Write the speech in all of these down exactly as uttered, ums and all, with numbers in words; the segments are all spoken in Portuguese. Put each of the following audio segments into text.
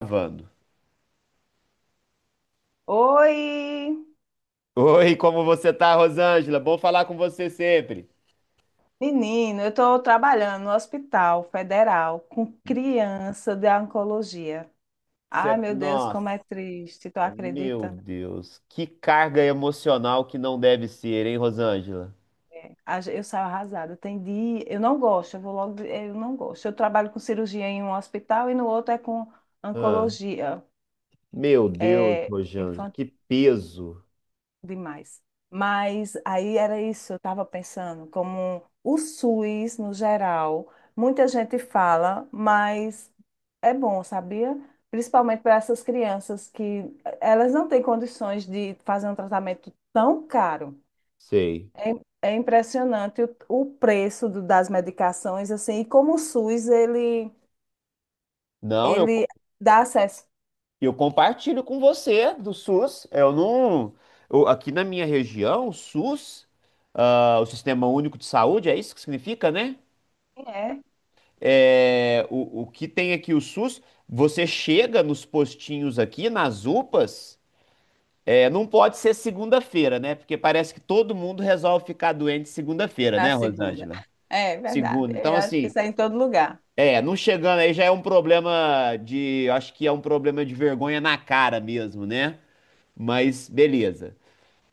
Gravando. Oi, Oi, como você tá, Rosângela? Bom falar com você sempre. menino, eu estou trabalhando no Hospital Federal com criança de oncologia. Ai, Você- meu Deus, Nossa, como é triste, tu meu acredita? Deus, que carga emocional que não deve ser, hein, Rosângela? É, a ge- Eu saio arrasada. Tem dia, eu não gosto, eu vou logo, de- eu não gosto. Eu trabalho com cirurgia em um hospital e no outro é com Ah, oncologia, meu Deus, é, Rosângela, que peso. demais. Mas aí era isso, eu estava pensando, como o SUS, no geral, muita gente fala, mas é bom, sabia? Principalmente para essas crianças que eh, elas não têm condições de fazer um tratamento tão caro. Sei. É, é impressionante o, o preço do- das medicações, assim, e como o SUS, ele, Não, eu, ele co- dá acesso. Eu compartilho com você do SUS. Eu não. Eu- aqui na minha região, o SUS, ah, o Sistema Único de Saúde, é isso que significa, né? Quem é? é, o, o que tem aqui o SUS, você chega nos postinhos aqui, nas UPAs, é, não pode ser segunda-feira, né? Porque parece que todo mundo resolve ficar doente segunda-feira, A né, segunda. Rosângela? É verdade, Segunda. Então, eu acho que assim, isso é em todo lugar. é, não chegando aí já é um problema de, acho que é um problema de vergonha na cara mesmo, né? Mas beleza.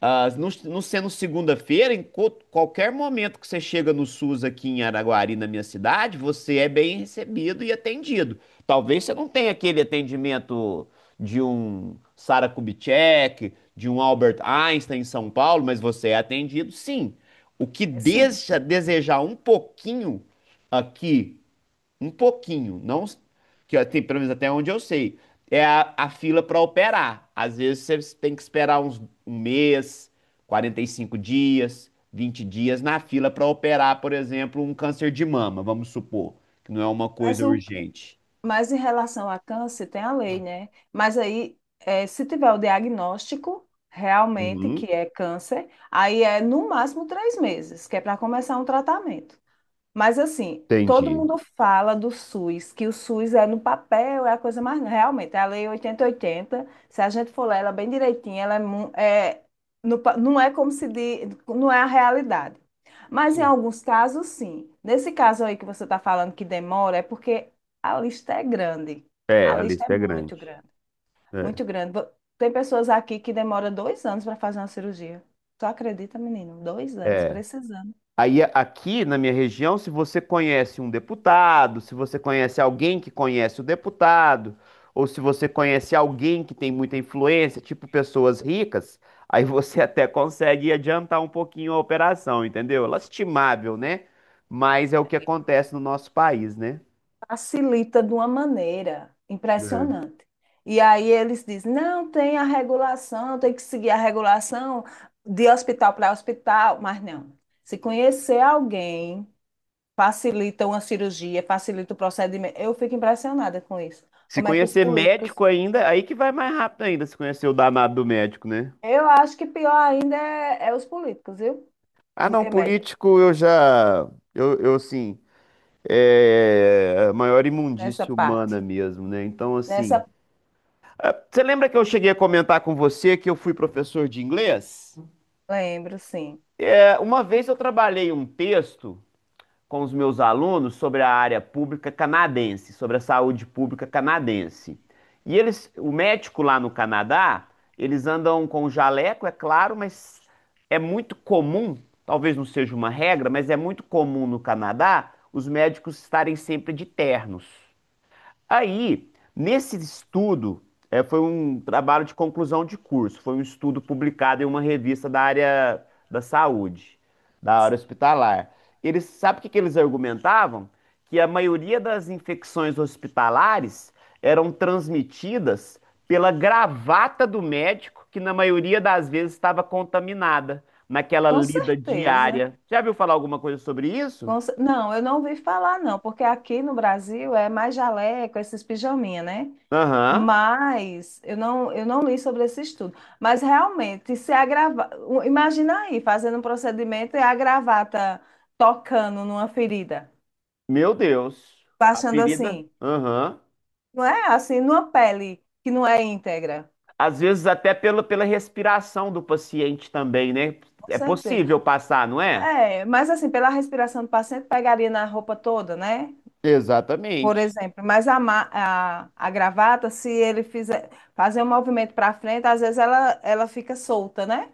Ah, não, não sendo segunda-feira, em co- qualquer momento que você chega no SUS aqui em Araguari, na minha cidade, você é bem recebido e atendido. Talvez você não tenha aquele atendimento de um Sara Kubitschek, de um Albert Einstein em São Paulo, mas você é atendido sim. O que É sim. deixa a desejar um pouquinho aqui um pouquinho, não que eu- tem pelo menos até onde eu sei. É a, a fila para operar. Às vezes você tem que esperar uns um mês, quarenta e cinco dias, vinte dias na fila para operar, por exemplo, um câncer de mama, vamos supor, que não é uma Mas, coisa o, urgente. mas em relação a câncer, tem a lei, né? Mas aí, é, se tiver o diagnóstico realmente que Uhum, é câncer, aí é no máximo três meses, que é para começar um tratamento. Mas assim, todo entendi. mundo fala do SUS, que o SUS é no papel, é a coisa mais. Realmente, é a Lei oitenta e oitenta, se a gente for ler ela bem direitinho, ela é, mu- é, no pa- não é como se diz, não é a realidade. Mas em alguns casos, sim. Nesse caso aí que você está falando que demora, é porque a lista é grande. É, A a lista é lista é muito grande. grande, muito grande. Vo- Tem pessoas aqui que demoram dois anos para fazer uma cirurgia. Tu acredita, menino? Dois anos, É. precisando. Aí a- aqui na minha região, se você conhece um deputado, se você conhece alguém que conhece o deputado, ou se você conhece alguém que tem muita influência, tipo pessoas ricas, aí você até consegue adiantar um pouquinho a operação, entendeu? Lastimável, né? Mas é o que acontece no nosso país, né? Facilita de uma maneira É. impressionante. E aí eles dizem, não, tem a regulação, tem que seguir a regulação de hospital para hospital, mas não. Se conhecer alguém, facilita uma cirurgia, facilita o procedimento. Eu fico impressionada com isso. Se Como é que os conhecer políticos. médico ainda, aí que vai mais rápido ainda, se conhecer o danado do médico, né? Eu acho que pior ainda é, é os políticos, viu? Ah, Do não, que médicos político eu já. Eu, eu sim. É é, a maior nessa imundície humana parte. mesmo, né? Então, assim. Nessa, Você lembra que eu cheguei a comentar com você que eu fui professor de inglês? Lembro, sim. É, uma vez eu trabalhei um texto com os meus alunos sobre a área pública canadense, sobre a saúde pública canadense. E eles, o médico lá no Canadá, eles andam com jaleco, é claro, mas é muito comum, talvez não seja uma regra, mas é muito comum no Canadá os médicos estarem sempre de ternos. Aí, nesse estudo, é, foi um trabalho de conclusão de curso, foi um estudo publicado em uma revista da área da saúde, da área hospitalar. Eles, sabe o que que eles argumentavam? Que a maioria das infecções hospitalares eram transmitidas pela gravata do médico, que na maioria das vezes estava contaminada, naquela Com lida certeza. diária. Já viu falar alguma coisa sobre isso? Com cer- Não, eu não ouvi falar, não, porque aqui no Brasil é mais jaleco, esses pijaminha, né? Aham. Mas eu não, eu não li sobre esse estudo. Mas realmente, se a grava- o- imagina aí, fazendo um procedimento e a gravata tocando numa ferida, Meu Deus. A baixando ferida? assim, Aham. não é? Assim, numa pele que não é íntegra. Às vezes até pela, pela respiração do paciente também, né? Com É certeza. possível passar, não é? É, mas assim, pela respiração do paciente, pegaria na roupa toda, né? Por Exatamente. exemplo, mas a, ma- a, a gravata, se ele fizer fazer um movimento para frente, às vezes ela, ela fica solta, né?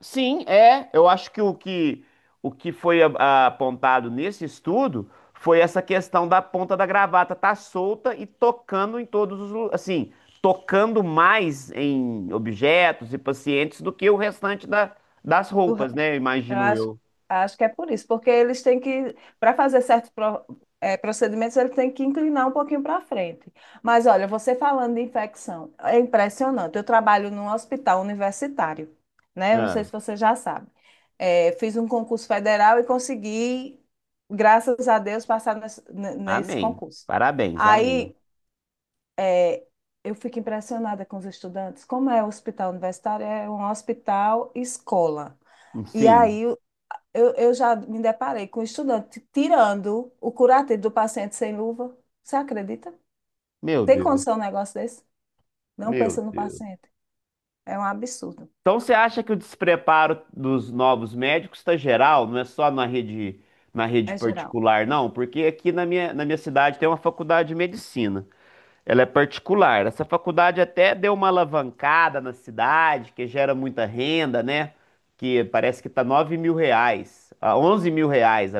Sim, é. Eu acho que o que, o que foi a- a- apontado nesse estudo foi essa questão da ponta da gravata estar solta e tocando em todos os, lu- assim, tocando mais em objetos e pacientes do que o restante da- das roupas, né? Eu Imagino acho, eu. acho que é por isso, porque eles têm que, para fazer certos pro- eh, procedimentos, eles têm que inclinar um pouquinho para frente. Mas olha, você falando de infecção, é impressionante. Eu trabalho num hospital universitário, né? Eu não sei Ah, se você já sabe. Eh, fiz um concurso federal e consegui, graças a Deus, passar nesse, ne- nesse amém. concurso. Parabéns, amém. Aí É, eu fico impressionada com os estudantes. Como é o hospital universitário? É um hospital escola. E aí Sim. eu, eu já me deparei com um estudante tirando o curativo do paciente sem luva. Você acredita? Meu Tem Deus, condição um negócio desse? Não meu pensa no Deus. paciente. É um absurdo. Então você acha que o despreparo dos novos médicos está geral, não é só na rede, na rede É geral. particular, não? Porque aqui na minha, na minha cidade tem uma faculdade de medicina. Ela é particular. Essa faculdade até deu uma alavancada na cidade, que gera muita renda, né? Que parece que tá nove mil reais, ah, onze mil reais a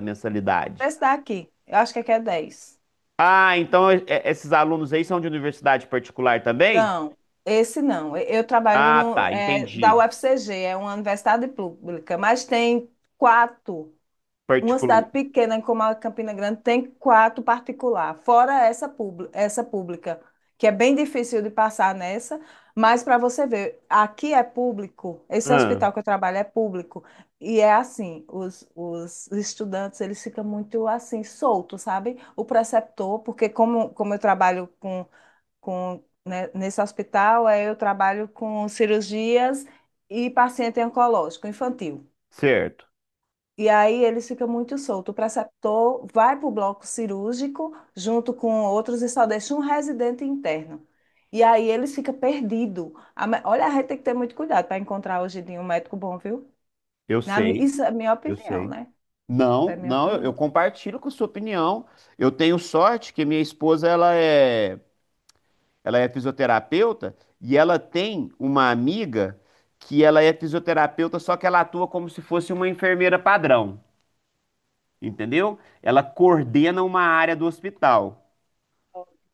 O mensalidade. preço daqui, eu acho que aqui é dez. Ah, então é- é- esses alunos aí são de universidade particular também? Não, esse não. Eu trabalho Ah, no, tá, é, da entendi. U F C G, é uma universidade pública, mas tem quatro. Uma Particular. cidade pequena como a Campina Grande tem quatro particular, fora essa, pub- essa pública, que é bem difícil de passar nessa, mas para você ver, aqui é público, esse Ah, hospital que eu trabalho é público, e é assim, os, os estudantes, eles ficam muito assim, soltos, sabe? O preceptor, porque como, como eu trabalho com, com, né, nesse hospital, aí eu trabalho com cirurgias e paciente oncológico infantil. certo. E aí eles ficam muito soltos. O preceptor vai para o bloco cirúrgico junto com outros e só deixa um residente interno. E aí eles ficam perdidos. A me- Olha, a gente tem que ter muito cuidado para encontrar hoje em dia um médico bom, viu? Eu Na mi- sei. Isso é minha Eu opinião, sei. né? Isso é Não, minha não, eu, eu opinião. compartilho com sua opinião. Eu tenho sorte que minha esposa ela é, ela é fisioterapeuta e ela tem uma amiga que ela é fisioterapeuta, só que ela atua como se fosse uma enfermeira padrão, entendeu? Ela coordena uma área do hospital.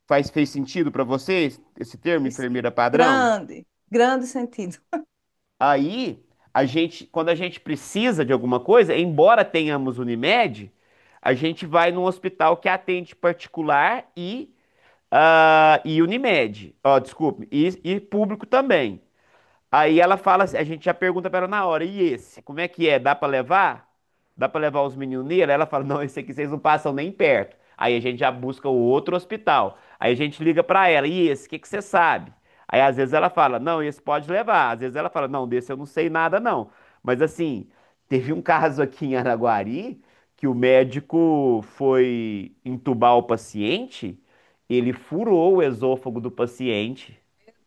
Faz, fez sentido para você esse termo, Isso, enfermeira padrão? grande, grande sentido. Aí, a gente, quando a gente precisa de alguma coisa, embora tenhamos Unimed, a gente vai num hospital que atende particular e, ah, e Unimed. Ó, desculpe, e, e público também. Aí ela fala, assim- a gente já pergunta pra ela na hora, e esse, como é que é? Dá pra levar? Dá pra levar os meninos nele? Ela fala, não, esse aqui vocês não passam nem perto. Aí a gente já busca o outro hospital. Aí a gente liga pra ela, e esse, o que que você sabe? Aí às vezes ela fala, não, esse pode levar. Às vezes ela fala, não, desse eu não sei nada não. Mas assim, teve um caso aqui em Araguari que o médico foi entubar o paciente, ele furou o esôfago do paciente.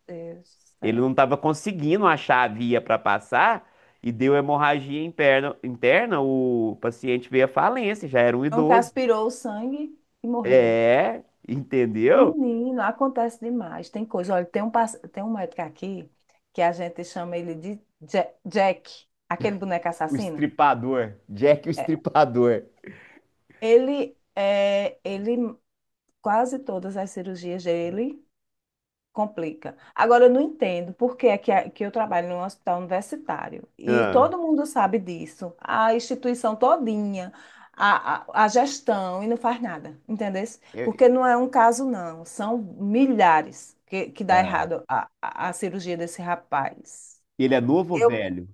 Deus do Ele não céu. estava conseguindo achar a via para passar e deu hemorragia interna, interna, o paciente veio à falência, já era um Um que idoso. aspirou o sangue e morreu. É, entendeu? Menino, acontece demais. Tem coisa. Olha, tem um, pass- tem um médico aqui que a gente chama ele de Ja- Jack, aquele boneco O assassino. estripador. Jack o É, estripador. Ele, é, ele, quase todas as cirurgias dele. Complica. Agora, eu não entendo por que é que, a- que eu trabalho num hospital universitário e Ah, todo mundo sabe disso, a instituição todinha, a, a, a gestão, e não faz nada, entendeu? Eu- Porque não é um caso, não, são milhares que, que dá é. errado a, a, a cirurgia desse rapaz. Ele é novo ou Eu, velho?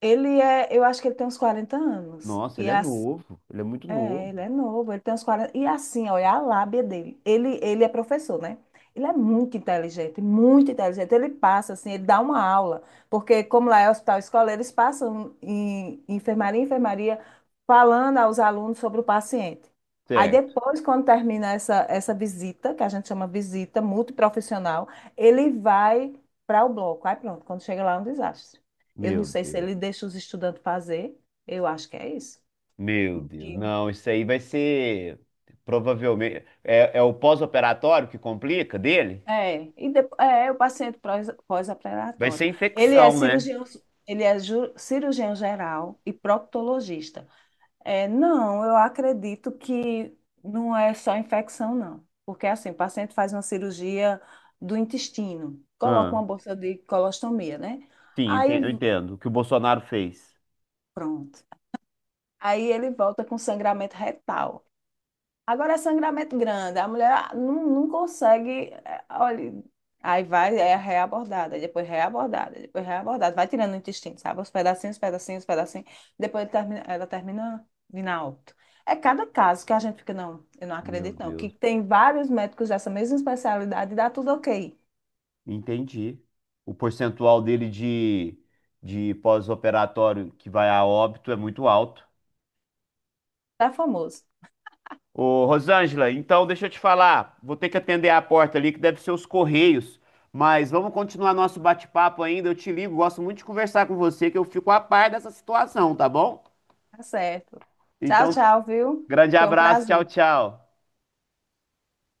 ele é, eu acho que ele tem uns quarenta anos, Nossa, e ele é a, novo. Ele é muito É, novo. ele é novo, ele tem uns quarenta. E assim, olha a lábia dele. Ele, ele é professor, né? Ele é muito inteligente, muito inteligente. Ele passa, assim, ele dá uma aula. Porque, como lá é hospital escola, eles passam em enfermaria, enfermaria, falando aos alunos sobre o paciente. Aí Certo. depois, quando termina essa, essa visita, que a gente chama visita multiprofissional, ele vai para o bloco. Aí pronto, quando chega lá é um desastre. Eu não Meu sei se Deus. ele deixa os estudantes fazer, eu acho que é isso. Meu Deus. Não, isso aí vai ser provavelmente. É, é o pós-operatório que complica dele? É, e depo- é é o paciente prós- Vai ser pós-operatório. Ele é infecção, né? cirurgião, ele é ju- cirurgião geral e proctologista. É, não, eu acredito que não é só infecção, não. Porque assim, o paciente faz uma cirurgia do intestino, coloca Ah. uma bolsa de colostomia, né? Sim, ente- eu Aí, entendo. O que o Bolsonaro fez. pronto. Aí ele volta com sangramento retal. Agora é sangramento grande, a mulher ah, não, não consegue, é, olha, aí vai, é reabordada, depois reabordada, depois reabordada, vai tirando o intestino, sabe? Os pedacinhos, pedacinhos, pedacinhos, depois termina- ela termina vindo a óbito. É cada caso que a gente fica, não, eu não Meu acredito não, que Deus. tem vários médicos dessa mesma especialidade e dá tudo ok, Entendi. O percentual dele de, de pós-operatório que vai a óbito é muito alto. tá famoso, Ô, Rosângela, então deixa eu te falar. Vou ter que atender a porta ali, que deve ser os Correios. Mas vamos continuar nosso bate-papo ainda. Eu te ligo. Gosto muito de conversar com você, que eu fico a par dessa situação, tá bom? tá certo. Tchau, Então, tchau, viu? grande Foi um abraço. Tchau, prazer. tchau.